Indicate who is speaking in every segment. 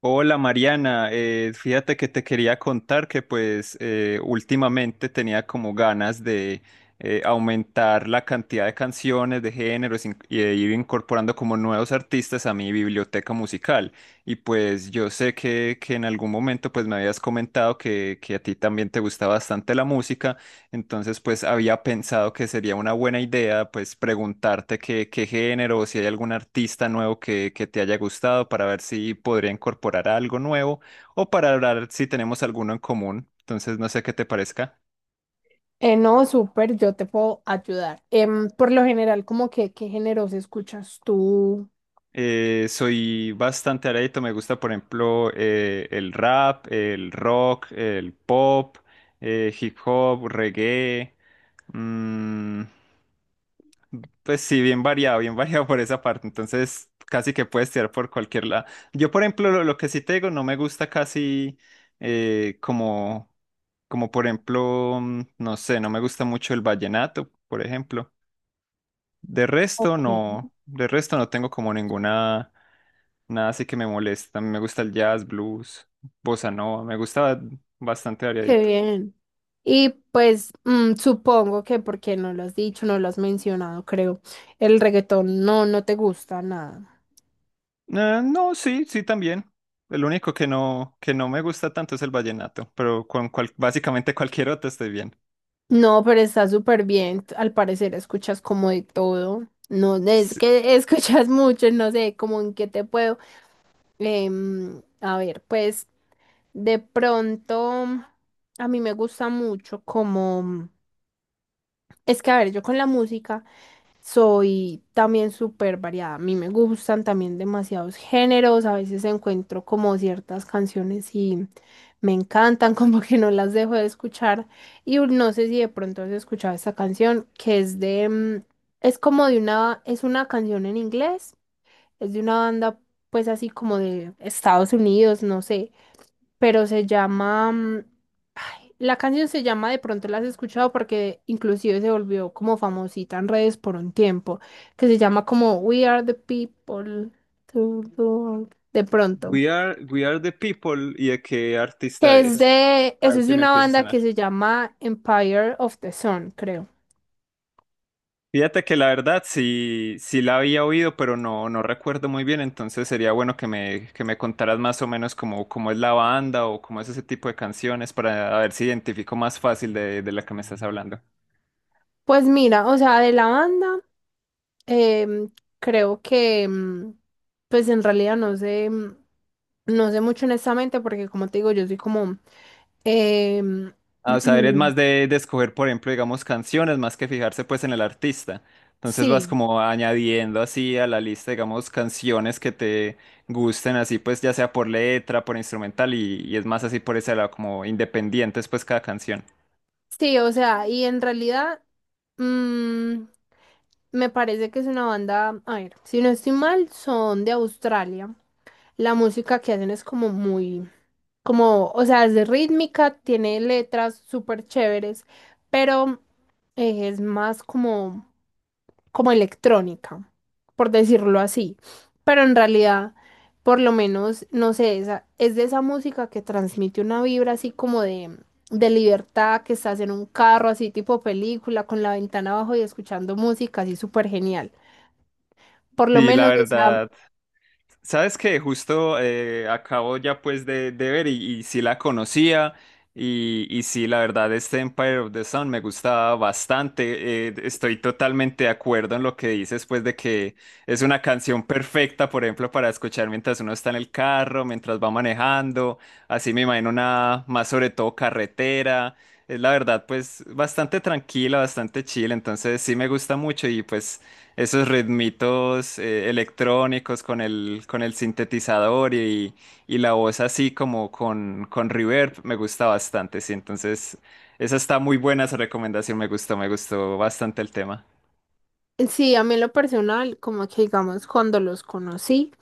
Speaker 1: Hola Mariana, fíjate que te quería contar que pues, últimamente tenía como ganas de aumentar la cantidad de canciones, de géneros y de ir incorporando como nuevos artistas a mi biblioteca musical. Y pues yo sé que en algún momento pues me habías comentado que a ti también te gusta bastante la música. Entonces, pues había pensado que sería una buena idea, pues preguntarte qué género o si hay algún artista nuevo que te haya gustado para ver si podría incorporar algo nuevo o para hablar si tenemos alguno en común. Entonces, no sé qué te parezca.
Speaker 2: No, súper, yo te puedo ayudar. Por lo general, como que, ¿qué géneros escuchas tú?
Speaker 1: Soy bastante arédito, me gusta, por ejemplo, el rap, el rock, el pop, hip hop, reggae. Mm, Pues sí, bien variado, bien variado por esa parte. Entonces, casi que puedes tirar por cualquier lado. Yo, por ejemplo, lo que sí te digo, no me gusta casi como, como por ejemplo, no sé, no me gusta mucho el vallenato, por ejemplo.
Speaker 2: Ok.
Speaker 1: De resto no tengo como ninguna, nada así que me molesta. Me gusta el jazz, blues, bossa nova, me gusta bastante
Speaker 2: Qué
Speaker 1: variadito.
Speaker 2: bien. Y pues supongo que porque no lo has dicho, no lo has mencionado, creo. El reggaetón no, no te gusta nada.
Speaker 1: No, sí, sí también. El único que no me gusta tanto es el vallenato, pero con básicamente cualquier otro estoy bien.
Speaker 2: No, pero está súper bien. Al parecer escuchas como de todo. No, es
Speaker 1: Sí.
Speaker 2: que escuchas mucho, no sé, como en qué te puedo. A ver, pues de pronto a mí me gusta mucho. Como... Es que, a ver, yo con la música soy también súper variada. A mí me gustan también demasiados géneros. A veces encuentro como ciertas canciones y me encantan, como que no las dejo de escuchar. Y no sé si de pronto has escuchado esta canción. Que es de... mm, Es como de una... Es una canción en inglés. Es de una banda, pues así como de Estados Unidos, no sé. Pero se llama. La canción se llama. De pronto la has escuchado porque inclusive se volvió como famosita en redes por un tiempo. Que se llama como We Are the People to the World. De pronto.
Speaker 1: We are the people y de qué artista
Speaker 2: Que es
Speaker 1: es.
Speaker 2: de.
Speaker 1: A
Speaker 2: Eso
Speaker 1: ver
Speaker 2: es
Speaker 1: si
Speaker 2: de
Speaker 1: me
Speaker 2: una
Speaker 1: empieza a
Speaker 2: banda
Speaker 1: sonar.
Speaker 2: que se llama Empire of the Sun, creo.
Speaker 1: Fíjate que la verdad sí, sí la había oído, pero no, no recuerdo muy bien, entonces sería bueno que me contaras más o menos cómo, cómo es la banda o cómo es ese tipo de canciones para a ver si identifico más fácil de la que me estás hablando.
Speaker 2: Pues mira, o sea, de la banda, em, creo que, pues en realidad no sé, no sé mucho honestamente, porque como te digo, yo soy como, em,
Speaker 1: Ah, o sea, eres más de escoger, por ejemplo, digamos, canciones, más que fijarse pues en el artista. Entonces vas
Speaker 2: sí.
Speaker 1: como añadiendo así a la lista, digamos, canciones que te gusten, así pues ya sea por letra, por instrumental y es más así por ese lado, como independientes pues cada canción.
Speaker 2: Sí, o sea, y en realidad mm, me parece que es una banda, a ver, si no estoy mal, son de Australia. La música que hacen es como muy, como, o sea, es de rítmica, tiene letras súper chéveres, pero es más como electrónica, por decirlo así. Pero en realidad, por lo menos, no sé, esa, es de esa música que transmite una vibra así como de libertad, que estás en un carro así tipo película, con la ventana abajo y escuchando música así súper genial. Por lo
Speaker 1: Sí, la
Speaker 2: menos esa,
Speaker 1: verdad. Sabes que justo acabo ya pues de ver y sí la conocía y sí la verdad este Empire of the Sun me gustaba bastante. Estoy totalmente de acuerdo en lo que dices pues de que es una canción perfecta por ejemplo para escuchar mientras uno está en el carro, mientras va manejando, así me imagino una más sobre todo carretera. Es la verdad pues bastante tranquila, bastante chill, entonces sí me gusta mucho y pues esos ritmitos electrónicos con el sintetizador y la voz así como con reverb me gusta bastante, sí. Entonces, esa está muy buena, esa recomendación me gustó bastante el tema.
Speaker 2: sí, a mí en lo personal, como que digamos, cuando los conocí,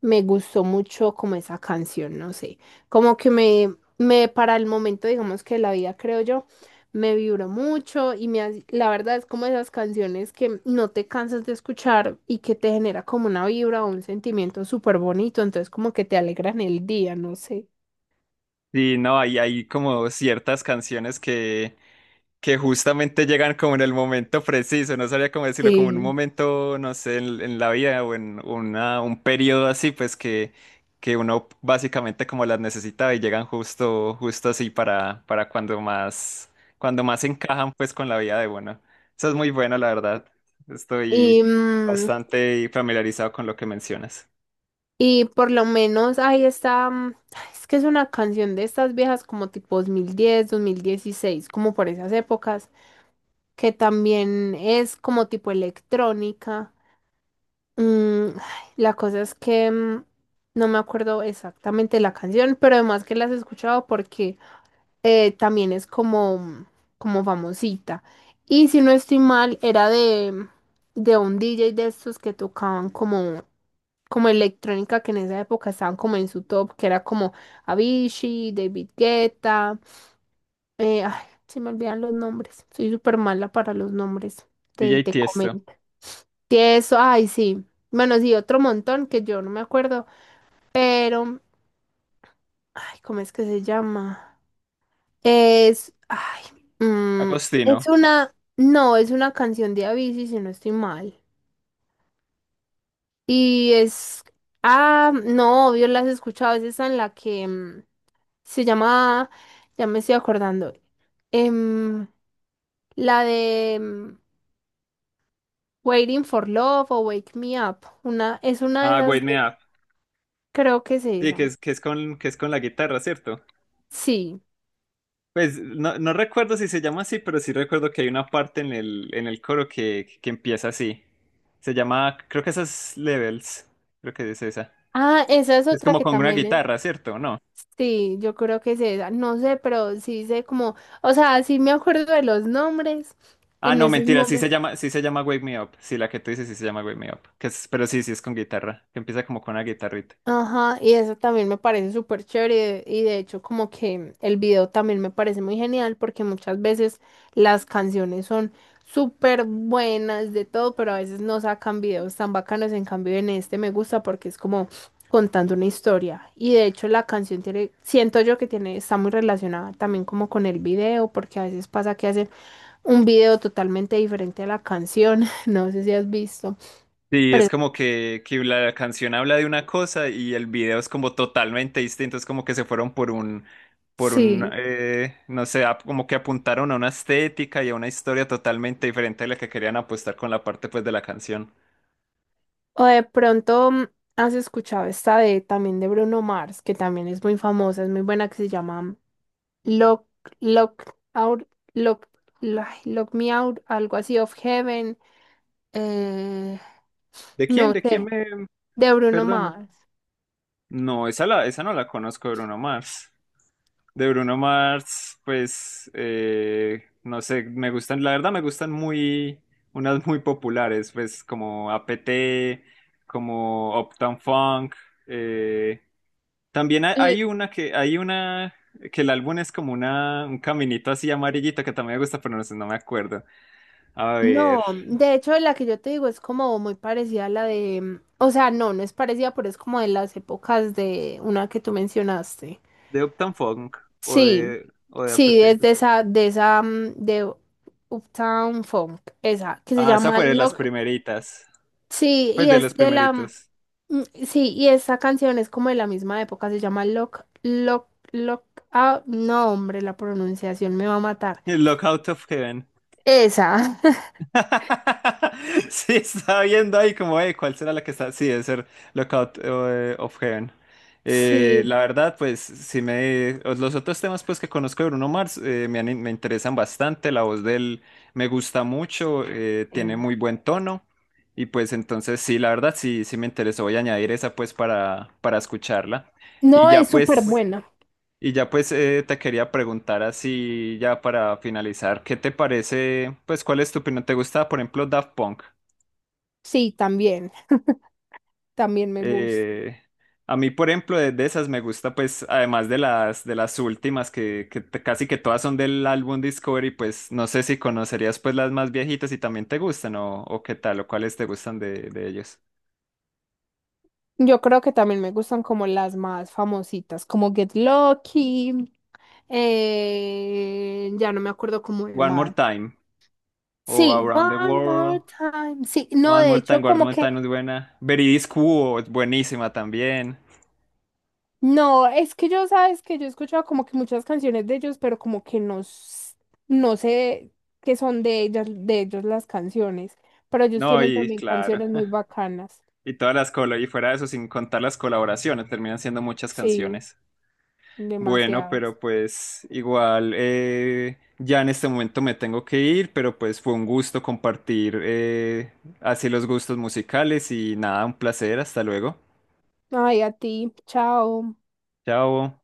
Speaker 2: me gustó mucho como esa canción, no sé, como que me para el momento, digamos que la vida, creo yo, me vibró mucho y la verdad es como esas canciones que no te cansas de escuchar y que te genera como una vibra o un sentimiento súper bonito, entonces como que te alegran el día, no sé.
Speaker 1: Sí, no, hay como ciertas canciones que justamente llegan como en el momento preciso, no sabría cómo decirlo, como en un
Speaker 2: Sí.
Speaker 1: momento, no sé, en la vida o en una, un periodo así, pues que uno básicamente como las necesita y llegan justo, justo así para cuando más encajan pues con la vida de uno. Eso es muy bueno, la verdad. Estoy
Speaker 2: Y, mm,
Speaker 1: bastante familiarizado con lo que mencionas.
Speaker 2: Y por lo menos ahí está, ay, es que es una canción de estas viejas como tipo dos mil diez 2016, como por esas épocas, que también es como tipo electrónica. Ay, la cosa es que no me acuerdo exactamente la canción, pero además que las he escuchado porque también es como famosita. Y si no estoy mal, era de un DJ de estos que tocaban como, como electrónica, que en esa época estaban como en su top, que era como Avicii, David Guetta. Ay, se me olvidan los nombres. Soy súper mala para los nombres.
Speaker 1: D
Speaker 2: Te,
Speaker 1: J
Speaker 2: te
Speaker 1: Tiesto,
Speaker 2: comento. Sí, eso, ay, sí. Bueno, sí, otro montón que yo no me acuerdo, pero, ay, ¿cómo es que se llama? Es, ay, mm, es
Speaker 1: Agostino,
Speaker 2: una, no, es una canción de Avicii, si no estoy mal. Y es, ah, no, obvio, la has escuchado, es esa en la que se llama, ya me estoy acordando, em, la de Waiting for Love o Wake Me Up, una, es una de
Speaker 1: ah,
Speaker 2: esas
Speaker 1: Wake Me
Speaker 2: dos,
Speaker 1: Up,
Speaker 2: creo que es
Speaker 1: sí,
Speaker 2: esa.
Speaker 1: que es con la guitarra, ¿cierto?
Speaker 2: Sí.
Speaker 1: Pues no, no recuerdo si se llama así, pero sí recuerdo que hay una parte en el coro que empieza así. Se llama, creo que esas Levels. Creo que es esa.
Speaker 2: Ah, esa es
Speaker 1: Es
Speaker 2: otra
Speaker 1: como
Speaker 2: que
Speaker 1: con una
Speaker 2: también es.
Speaker 1: guitarra, ¿cierto? ¿No?
Speaker 2: Sí, yo creo que es esa, no sé, pero sí sé como, o sea, sí me acuerdo de los nombres
Speaker 1: Ah,
Speaker 2: en
Speaker 1: no,
Speaker 2: esos
Speaker 1: mentira,
Speaker 2: momentos.
Speaker 1: sí se llama Wake Me Up. Sí, la que tú dices sí se llama Wake Me Up. Pero sí, sí es con guitarra. Que empieza como con una guitarrita.
Speaker 2: Ajá, y eso también me parece súper chévere, y de hecho como que el video también me parece muy genial, porque muchas veces las canciones son súper buenas de todo, pero a veces no sacan videos tan bacanos. En cambio, en este me gusta porque es como contando una historia, y de hecho la canción tiene, siento yo que tiene, está muy relacionada también como con el video, porque a veces pasa que hacen un video totalmente diferente a la canción, no sé si has visto,
Speaker 1: Sí, es
Speaker 2: pero
Speaker 1: como que la canción habla de una cosa y el video es como totalmente distinto, es como que se fueron por un,
Speaker 2: sí,
Speaker 1: no sé, como que apuntaron a una estética y a una historia totalmente diferente de la que querían apostar con la parte pues de la canción.
Speaker 2: o de pronto has escuchado esta de también de Bruno Mars, que también es muy famosa, es muy buena, que se llama Lock, Lock Out, Lock, Lock Me Out, algo así, of Heaven, eh,
Speaker 1: ¿De quién?
Speaker 2: no
Speaker 1: ¿De quién
Speaker 2: sé,
Speaker 1: me...
Speaker 2: de Bruno
Speaker 1: Perdona.
Speaker 2: Mars.
Speaker 1: No, esa, la, esa no la conozco, Bruno Mars. De Bruno Mars, pues no sé, me gustan, la verdad me gustan muy, unas muy populares, pues como APT, como Uptown Funk. eh, También hay,
Speaker 2: L-
Speaker 1: hay una, que el álbum es como una, un caminito así amarillito que también me gusta, pero no sé, no me acuerdo. A ver,
Speaker 2: No, de hecho la que yo te digo es como muy parecida a la de, mm, o sea, no, no es parecida, pero es como de las épocas de una que tú mencionaste.
Speaker 1: de Uptown Funk
Speaker 2: Sí,
Speaker 1: o de
Speaker 2: sí,
Speaker 1: APT.
Speaker 2: es de esa, de Uptown Funk, esa, que se
Speaker 1: Ah, esa
Speaker 2: llama
Speaker 1: fue de las
Speaker 2: Lock.
Speaker 1: primeritas,
Speaker 2: Sí,
Speaker 1: pues
Speaker 2: y
Speaker 1: de
Speaker 2: es
Speaker 1: los
Speaker 2: de la,
Speaker 1: primeritos.
Speaker 2: sí, y esa canción es como de la misma época, se llama Lock, Lock, Lock, ah, no, hombre, la pronunciación me va a matar.
Speaker 1: El Lockout of Heaven.
Speaker 2: Esa,
Speaker 1: Sí, estaba viendo ahí como, ¿cuál será la que está? Sí, debe ser Lookout of Heaven.
Speaker 2: sí.
Speaker 1: La verdad, pues, si me... pues, los otros temas, pues, que conozco de Bruno Mars me interesan bastante. La voz de él me gusta mucho, tiene
Speaker 2: Sí.
Speaker 1: muy buen tono. Y pues, entonces, sí, la verdad, sí, sí me interesó. Voy a añadir esa, pues, para escucharla. Y
Speaker 2: No, es
Speaker 1: ya,
Speaker 2: súper
Speaker 1: pues...
Speaker 2: buena.
Speaker 1: Y ya pues te quería preguntar así ya para finalizar, ¿qué te parece? Pues ¿cuál es tu opinión? ¿Te gusta, por ejemplo, Daft Punk?
Speaker 2: Sí, también, también me gusta.
Speaker 1: Eh, a mí, por ejemplo, de esas me gusta pues además de las últimas que casi que todas son del álbum Discovery, pues no sé si conocerías pues las más viejitas y también te gustan o qué tal o cuáles te gustan de ellos.
Speaker 2: Yo creo que también me gustan como las más famositas, como Get Lucky, ya no me acuerdo cómo de
Speaker 1: One More
Speaker 2: más.
Speaker 1: Time o
Speaker 2: Sí,
Speaker 1: Around the
Speaker 2: One More
Speaker 1: World.
Speaker 2: Time. Sí, no,
Speaker 1: One
Speaker 2: de
Speaker 1: More
Speaker 2: hecho,
Speaker 1: Time, One
Speaker 2: como
Speaker 1: More
Speaker 2: que,
Speaker 1: Time es buena. Veridis Quo es buenísima también.
Speaker 2: no, es que yo, sabes que yo he escuchado como que muchas canciones de ellos, pero como que no, no sé qué son de ellas, de ellos las canciones, pero ellos
Speaker 1: No,
Speaker 2: tienen
Speaker 1: y
Speaker 2: también
Speaker 1: claro.
Speaker 2: canciones muy bacanas.
Speaker 1: Y todas las colo y fuera de eso, sin contar las colaboraciones, terminan siendo muchas
Speaker 2: Sí,
Speaker 1: canciones. Bueno,
Speaker 2: demasiadas.
Speaker 1: pero pues igual ya en este momento me tengo que ir, pero pues fue un gusto compartir así los gustos musicales y nada, un placer, hasta luego.
Speaker 2: Ay, a ti, chao.
Speaker 1: Chao.